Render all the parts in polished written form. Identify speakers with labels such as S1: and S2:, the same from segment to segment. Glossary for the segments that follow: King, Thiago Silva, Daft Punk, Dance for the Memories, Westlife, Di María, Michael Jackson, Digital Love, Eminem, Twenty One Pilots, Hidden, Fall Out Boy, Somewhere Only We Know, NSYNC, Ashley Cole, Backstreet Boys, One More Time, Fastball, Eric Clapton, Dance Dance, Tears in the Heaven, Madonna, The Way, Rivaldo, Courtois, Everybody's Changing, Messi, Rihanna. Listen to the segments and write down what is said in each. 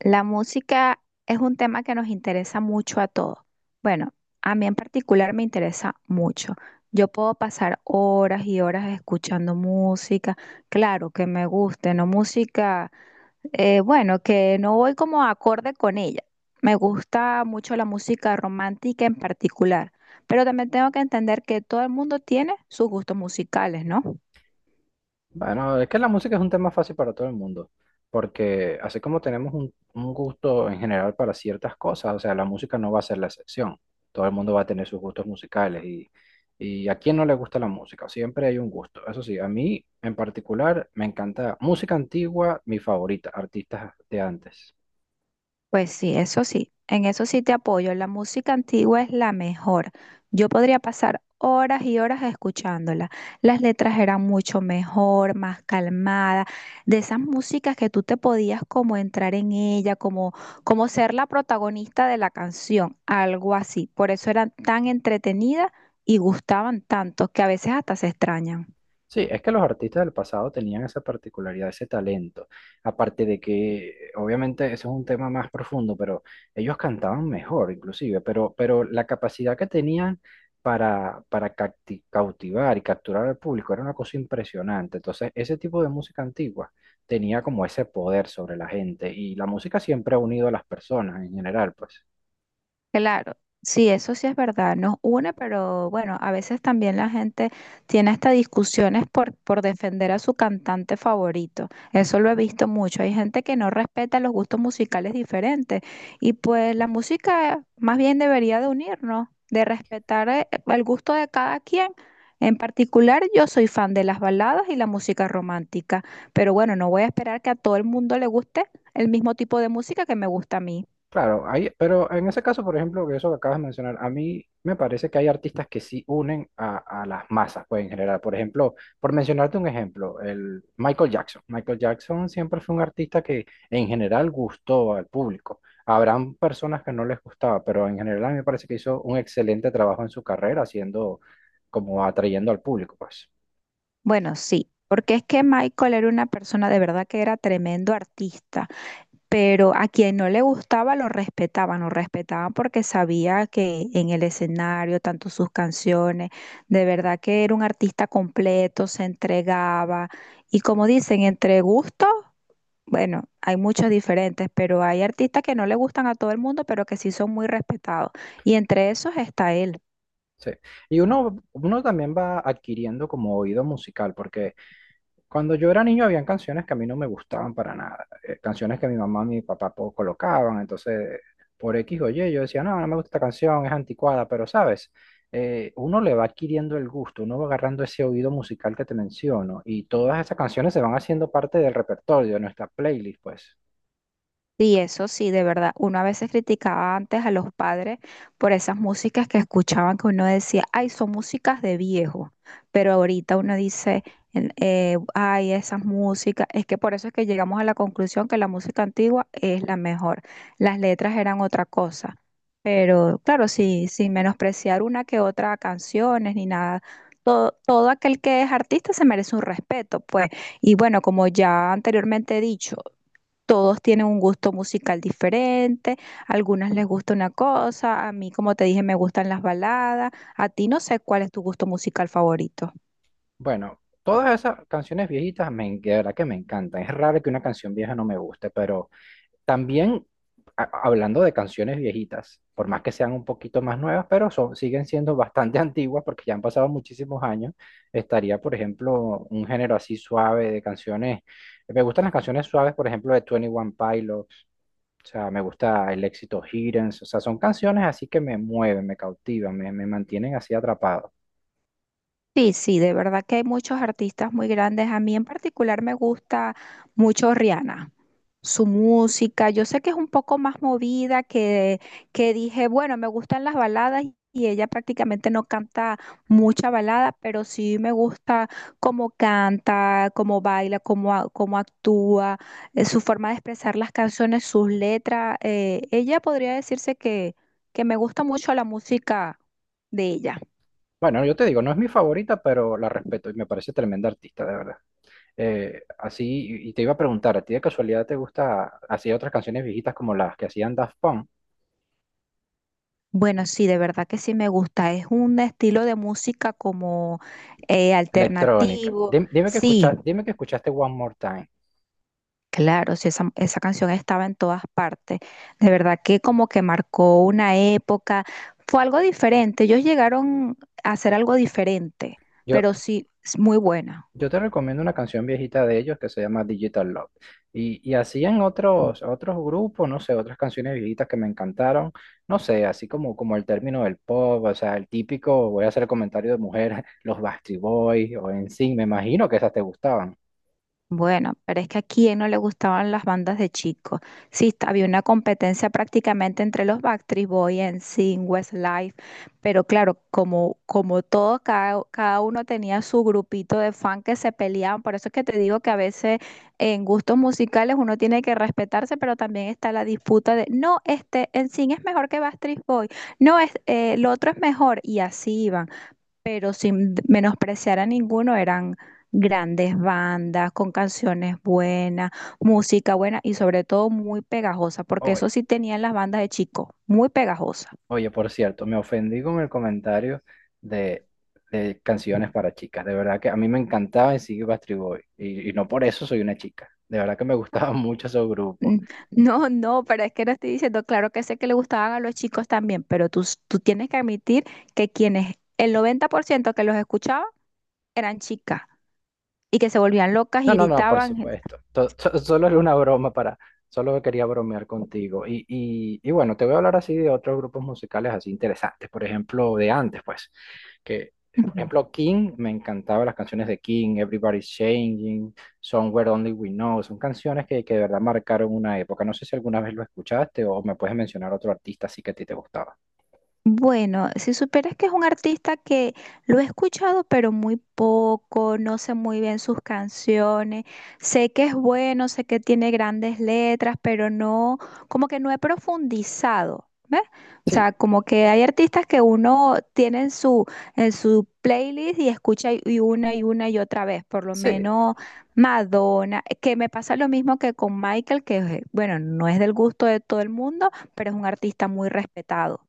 S1: La música es un tema que nos interesa mucho a todos. Bueno, a mí en particular me interesa mucho. Yo puedo pasar horas y horas escuchando música, claro que me guste, no música, bueno, que no voy como acorde con ella. Me gusta mucho la música romántica en particular, pero también tengo que entender que todo el mundo tiene sus gustos musicales, ¿no?
S2: Bueno, es que la música es un tema fácil para todo el mundo, porque así como tenemos un gusto en general para ciertas cosas, o sea, la música no va a ser la excepción. Todo el mundo va a tener sus gustos musicales y a quién no le gusta la música, siempre hay un gusto. Eso sí, a mí en particular me encanta música antigua, mi favorita, artistas de antes.
S1: Pues sí, eso sí, en eso sí te apoyo. La música antigua es la mejor. Yo podría pasar horas y horas escuchándola. Las letras eran mucho mejor, más calmadas, de esas músicas que tú te podías como entrar en ella, como, como ser la protagonista de la canción, algo así. Por eso eran tan entretenidas y gustaban tanto que a veces hasta se extrañan.
S2: Sí, es que los artistas del pasado tenían esa particularidad, ese talento. Aparte de que, obviamente, eso es un tema más profundo, pero ellos cantaban mejor, inclusive, pero la capacidad que tenían para cautivar y capturar al público era una cosa impresionante. Entonces, ese tipo de música antigua tenía como ese poder sobre la gente y la música siempre ha unido a las personas en general, pues.
S1: Claro, sí, eso sí es verdad, nos une, pero bueno, a veces también la gente tiene hasta discusiones por defender a su cantante favorito. Eso lo he visto mucho. Hay gente que no respeta los gustos musicales diferentes y pues la música más bien debería de unirnos, de respetar el gusto de cada quien. En particular, yo soy fan de las baladas y la música romántica, pero bueno, no voy a esperar que a todo el mundo le guste el mismo tipo de música que me gusta a mí.
S2: Claro, hay, pero en ese caso, por ejemplo, que eso que acabas de mencionar, a mí me parece que hay artistas que sí unen a las masas, pues en general. Por ejemplo, por mencionarte un ejemplo, el Michael Jackson. Michael Jackson siempre fue un artista que en general gustó al público. Habrán personas que no les gustaba, pero en general a mí me parece que hizo un excelente trabajo en su carrera, haciendo como atrayendo al público, pues.
S1: Bueno, sí, porque es que Michael era una persona de verdad que era tremendo artista, pero a quien no le gustaba lo respetaban porque sabía que en el escenario, tanto sus canciones, de verdad que era un artista completo, se entregaba y como dicen, entre gustos, bueno, hay muchos diferentes, pero hay artistas que no le gustan a todo el mundo, pero que sí son muy respetados y entre esos está él.
S2: Sí. Y uno también va adquiriendo como oído musical, porque cuando yo era niño habían canciones que a mí no me gustaban para nada, canciones que mi mamá y mi papá colocaban, entonces por X o Y yo decía, no, no me gusta esta canción, es anticuada, pero sabes, uno le va adquiriendo el gusto, uno va agarrando ese oído musical que te menciono y todas esas canciones se van haciendo parte del repertorio de nuestra playlist, pues.
S1: Y eso sí, de verdad, uno a veces criticaba antes a los padres por esas músicas que escuchaban que uno decía, ay, son músicas de viejo, pero ahorita uno dice, ay, esas músicas, es que por eso es que llegamos a la conclusión que la música antigua es la mejor, las letras eran otra cosa, pero claro, sí, sin menospreciar una que otra canciones ni nada. Todo aquel que es artista se merece un respeto, pues. Y bueno, como ya anteriormente he dicho, todos tienen un gusto musical diferente, a algunas les gusta una cosa, a mí, como te dije, me gustan las baladas, a ti no sé cuál es tu gusto musical favorito.
S2: Bueno, todas esas canciones viejitas, de verdad que me encantan, es raro que una canción vieja no me guste, pero también, hablando de canciones viejitas, por más que sean un poquito más nuevas, pero son, siguen siendo bastante antiguas porque ya han pasado muchísimos años, estaría, por ejemplo, un género así suave de canciones. Me gustan las canciones suaves, por ejemplo, de Twenty One Pilots, o sea, me gusta el éxito Hidden, o sea, son canciones así que me mueven, me cautivan, me mantienen así atrapado.
S1: Sí, sí, de verdad que hay muchos artistas muy grandes. A mí en particular me gusta mucho Rihanna. Su música. Yo sé que es un poco más movida que dije, bueno, me gustan las baladas y ella prácticamente no canta mucha balada, pero sí me gusta cómo canta, cómo baila, cómo actúa, su forma de expresar las canciones, sus letras. Ella podría decirse que me gusta mucho la música de ella.
S2: Bueno, yo te digo, no es mi favorita, pero la respeto y me parece tremenda artista, de verdad. Así, y te iba a preguntar, ¿a ti de casualidad te gusta hacía otras canciones viejitas como las que hacían Daft Punk?
S1: Bueno, sí, de verdad que sí me gusta. Es un estilo de música como
S2: Electrónica.
S1: alternativo.
S2: Dime, que
S1: Sí,
S2: escucha, dime que escuchaste One More Time.
S1: claro, sí, esa canción estaba en todas partes. De verdad que como que marcó una época. Fue algo diferente. Ellos llegaron a hacer algo diferente,
S2: Yo,
S1: pero sí, es muy buena.
S2: yo te recomiendo una canción viejita de ellos que se llama Digital Love. Y hacían otros grupos, no sé, otras canciones viejitas que me encantaron. No sé, así como, como el término del pop, o sea, el típico, voy a hacer el comentario de mujeres, los Backstreet Boys o en sí, me imagino que esas te gustaban.
S1: Bueno, pero es que a quién no le gustaban las bandas de chicos. Sí, está- había una competencia prácticamente entre los Backstreet Boys, NSYNC, Westlife, pero claro, como, como todos, cada, cada uno tenía su grupito de fan que se peleaban. Por eso es que te digo que a veces en gustos musicales uno tiene que respetarse, pero también está la disputa de, no, este NSYNC es mejor que Backstreet Boys, no, es, el otro es mejor, y así iban pero sin menospreciar a ninguno, eran grandes bandas con canciones buenas, música buena y sobre todo muy pegajosa, porque eso sí tenían las bandas de chico, muy pegajosa.
S2: Oye, por cierto, me ofendí con el comentario de, de canciones para chicas. De verdad que a mí me encantaba y sigue Backstreet Boys. No por eso soy una chica. De verdad que me gustaba mucho ese grupo.
S1: Mm, no, no, pero es que no estoy diciendo, claro que sé que le gustaban a los chicos también, pero tú tienes que admitir que quienes, el 90% que los escuchaba eran chicas y que se volvían locas y
S2: No, no, no, por
S1: gritaban.
S2: supuesto. Solo era una broma para, solo quería bromear contigo. Y bueno, te voy a hablar así de otros grupos musicales así interesantes, por ejemplo, de antes, pues, que, por ejemplo, King, me encantaban las canciones de King, Everybody's Changing, Somewhere Only We Know, son canciones que de verdad marcaron una época. No sé si alguna vez lo escuchaste o me puedes mencionar otro artista así que a ti te gustaba.
S1: Bueno, si supieras que es un artista que lo he escuchado, pero muy poco, no sé muy bien sus canciones, sé que es bueno, sé que tiene grandes letras, pero no, como que no he profundizado, ¿ves? O
S2: Sí,
S1: sea, como que hay artistas que uno tiene en su playlist y escucha y una y otra vez, por lo
S2: sí,
S1: menos Madonna, que me pasa lo mismo que con Michael, que bueno, no es del gusto de todo el mundo, pero es un artista muy respetado.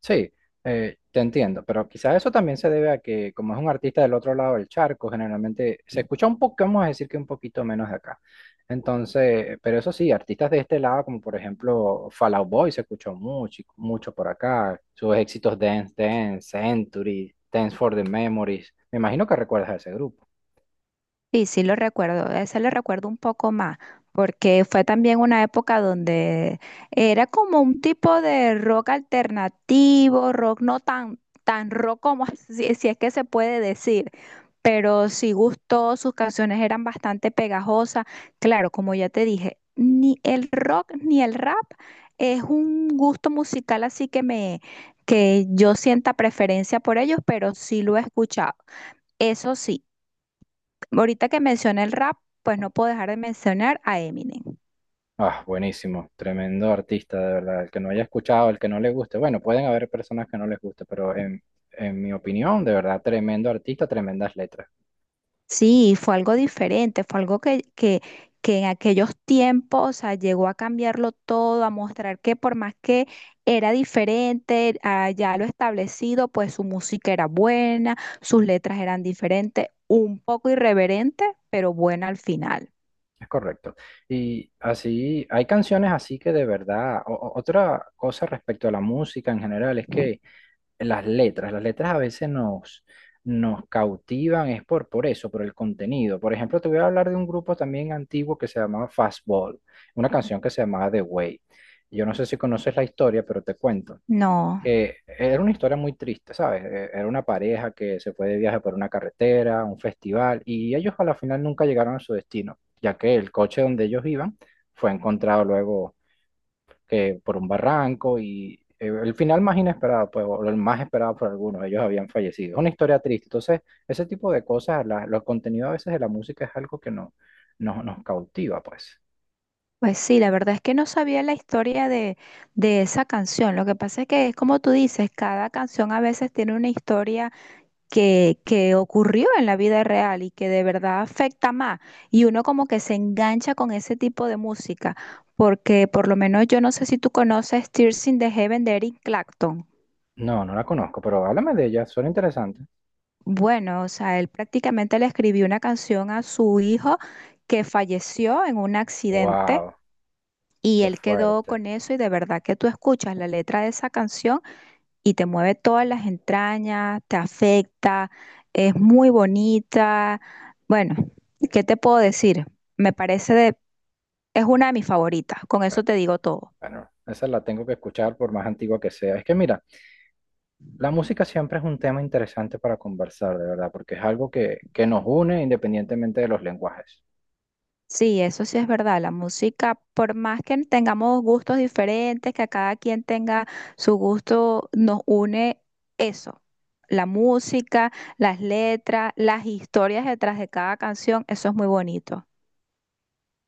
S2: Sí, te entiendo, pero quizás eso también se debe a que como es un artista del otro lado del charco, generalmente se escucha un poco, vamos a decir que un poquito menos de acá. Entonces, pero eso sí, artistas de este lado, como por ejemplo Fall Out Boy, se escuchó mucho, mucho por acá, sus éxitos Dance Dance, Century, Dance for the Memories, me imagino que recuerdas a ese grupo.
S1: Sí, sí lo recuerdo, ese lo recuerdo un poco más, porque fue también una época donde era como un tipo de rock alternativo, rock no tan rock como si, si es que se puede decir, pero sí gustó, sus canciones eran bastante pegajosas. Claro, como ya te dije, ni el rock ni el rap es un gusto musical así que yo sienta preferencia por ellos, pero sí lo he escuchado. Eso sí. Ahorita que mencioné el rap, pues no puedo dejar de mencionar a Eminem.
S2: Ah, buenísimo, tremendo artista, de verdad. El que no haya escuchado, el que no le guste, bueno, pueden haber personas que no les guste, en mi opinión, de verdad, tremendo artista, tremendas letras.
S1: Sí, fue algo diferente, fue algo que en aquellos tiempos, o sea, llegó a cambiarlo todo, a mostrar que por más que era diferente a ya lo establecido, pues su música era buena, sus letras eran diferentes, un poco irreverente, pero buena al final.
S2: Es correcto. Y así, hay canciones así que de verdad, otra cosa respecto a la música en general es que las letras a veces nos cautivan, es por eso, por el contenido. Por ejemplo, te voy a hablar de un grupo también antiguo que se llamaba Fastball, una canción que se llamaba The Way. Yo no sé si conoces la historia, pero te cuento.
S1: No,
S2: Era una historia muy triste, ¿sabes? Era una pareja que se fue de viaje por una carretera, un festival, y ellos a la final nunca llegaron a su destino, ya que el coche donde ellos iban fue encontrado luego que por un barranco y el final más inesperado, pues, o el más esperado por algunos, ellos habían fallecido. Es una historia triste. Entonces, ese tipo de cosas, los contenidos a veces de la música es algo que nos cautiva, pues.
S1: pues sí, la verdad es que no sabía la historia de esa canción. Lo que pasa es que es como tú dices, cada canción a veces tiene una historia. Que ocurrió en la vida real y que de verdad afecta más. Y uno como que se engancha con ese tipo de música, porque por lo menos yo no sé si tú conoces Tears in the Heaven de Eric Clapton.
S2: No, no la conozco, pero háblame de ella, suena interesante.
S1: Bueno, o sea, él prácticamente le escribió una canción a su hijo que falleció en un accidente.
S2: Wow,
S1: Y
S2: qué
S1: él quedó
S2: fuerte.
S1: con eso y de verdad que tú escuchas la letra de esa canción y te mueve todas las entrañas, te afecta, es muy bonita. Bueno, ¿qué te puedo decir? Me parece de, es una de mis favoritas, con eso te digo todo.
S2: Bueno, esa la tengo que escuchar por más antigua que sea. Es que mira, la música siempre es un tema interesante para conversar, de verdad, porque es algo que nos une independientemente de los lenguajes.
S1: Sí, eso sí es verdad. La música, por más que tengamos gustos diferentes, que a cada quien tenga su gusto, nos une eso. La música, las letras, las historias detrás de cada canción, eso es muy bonito.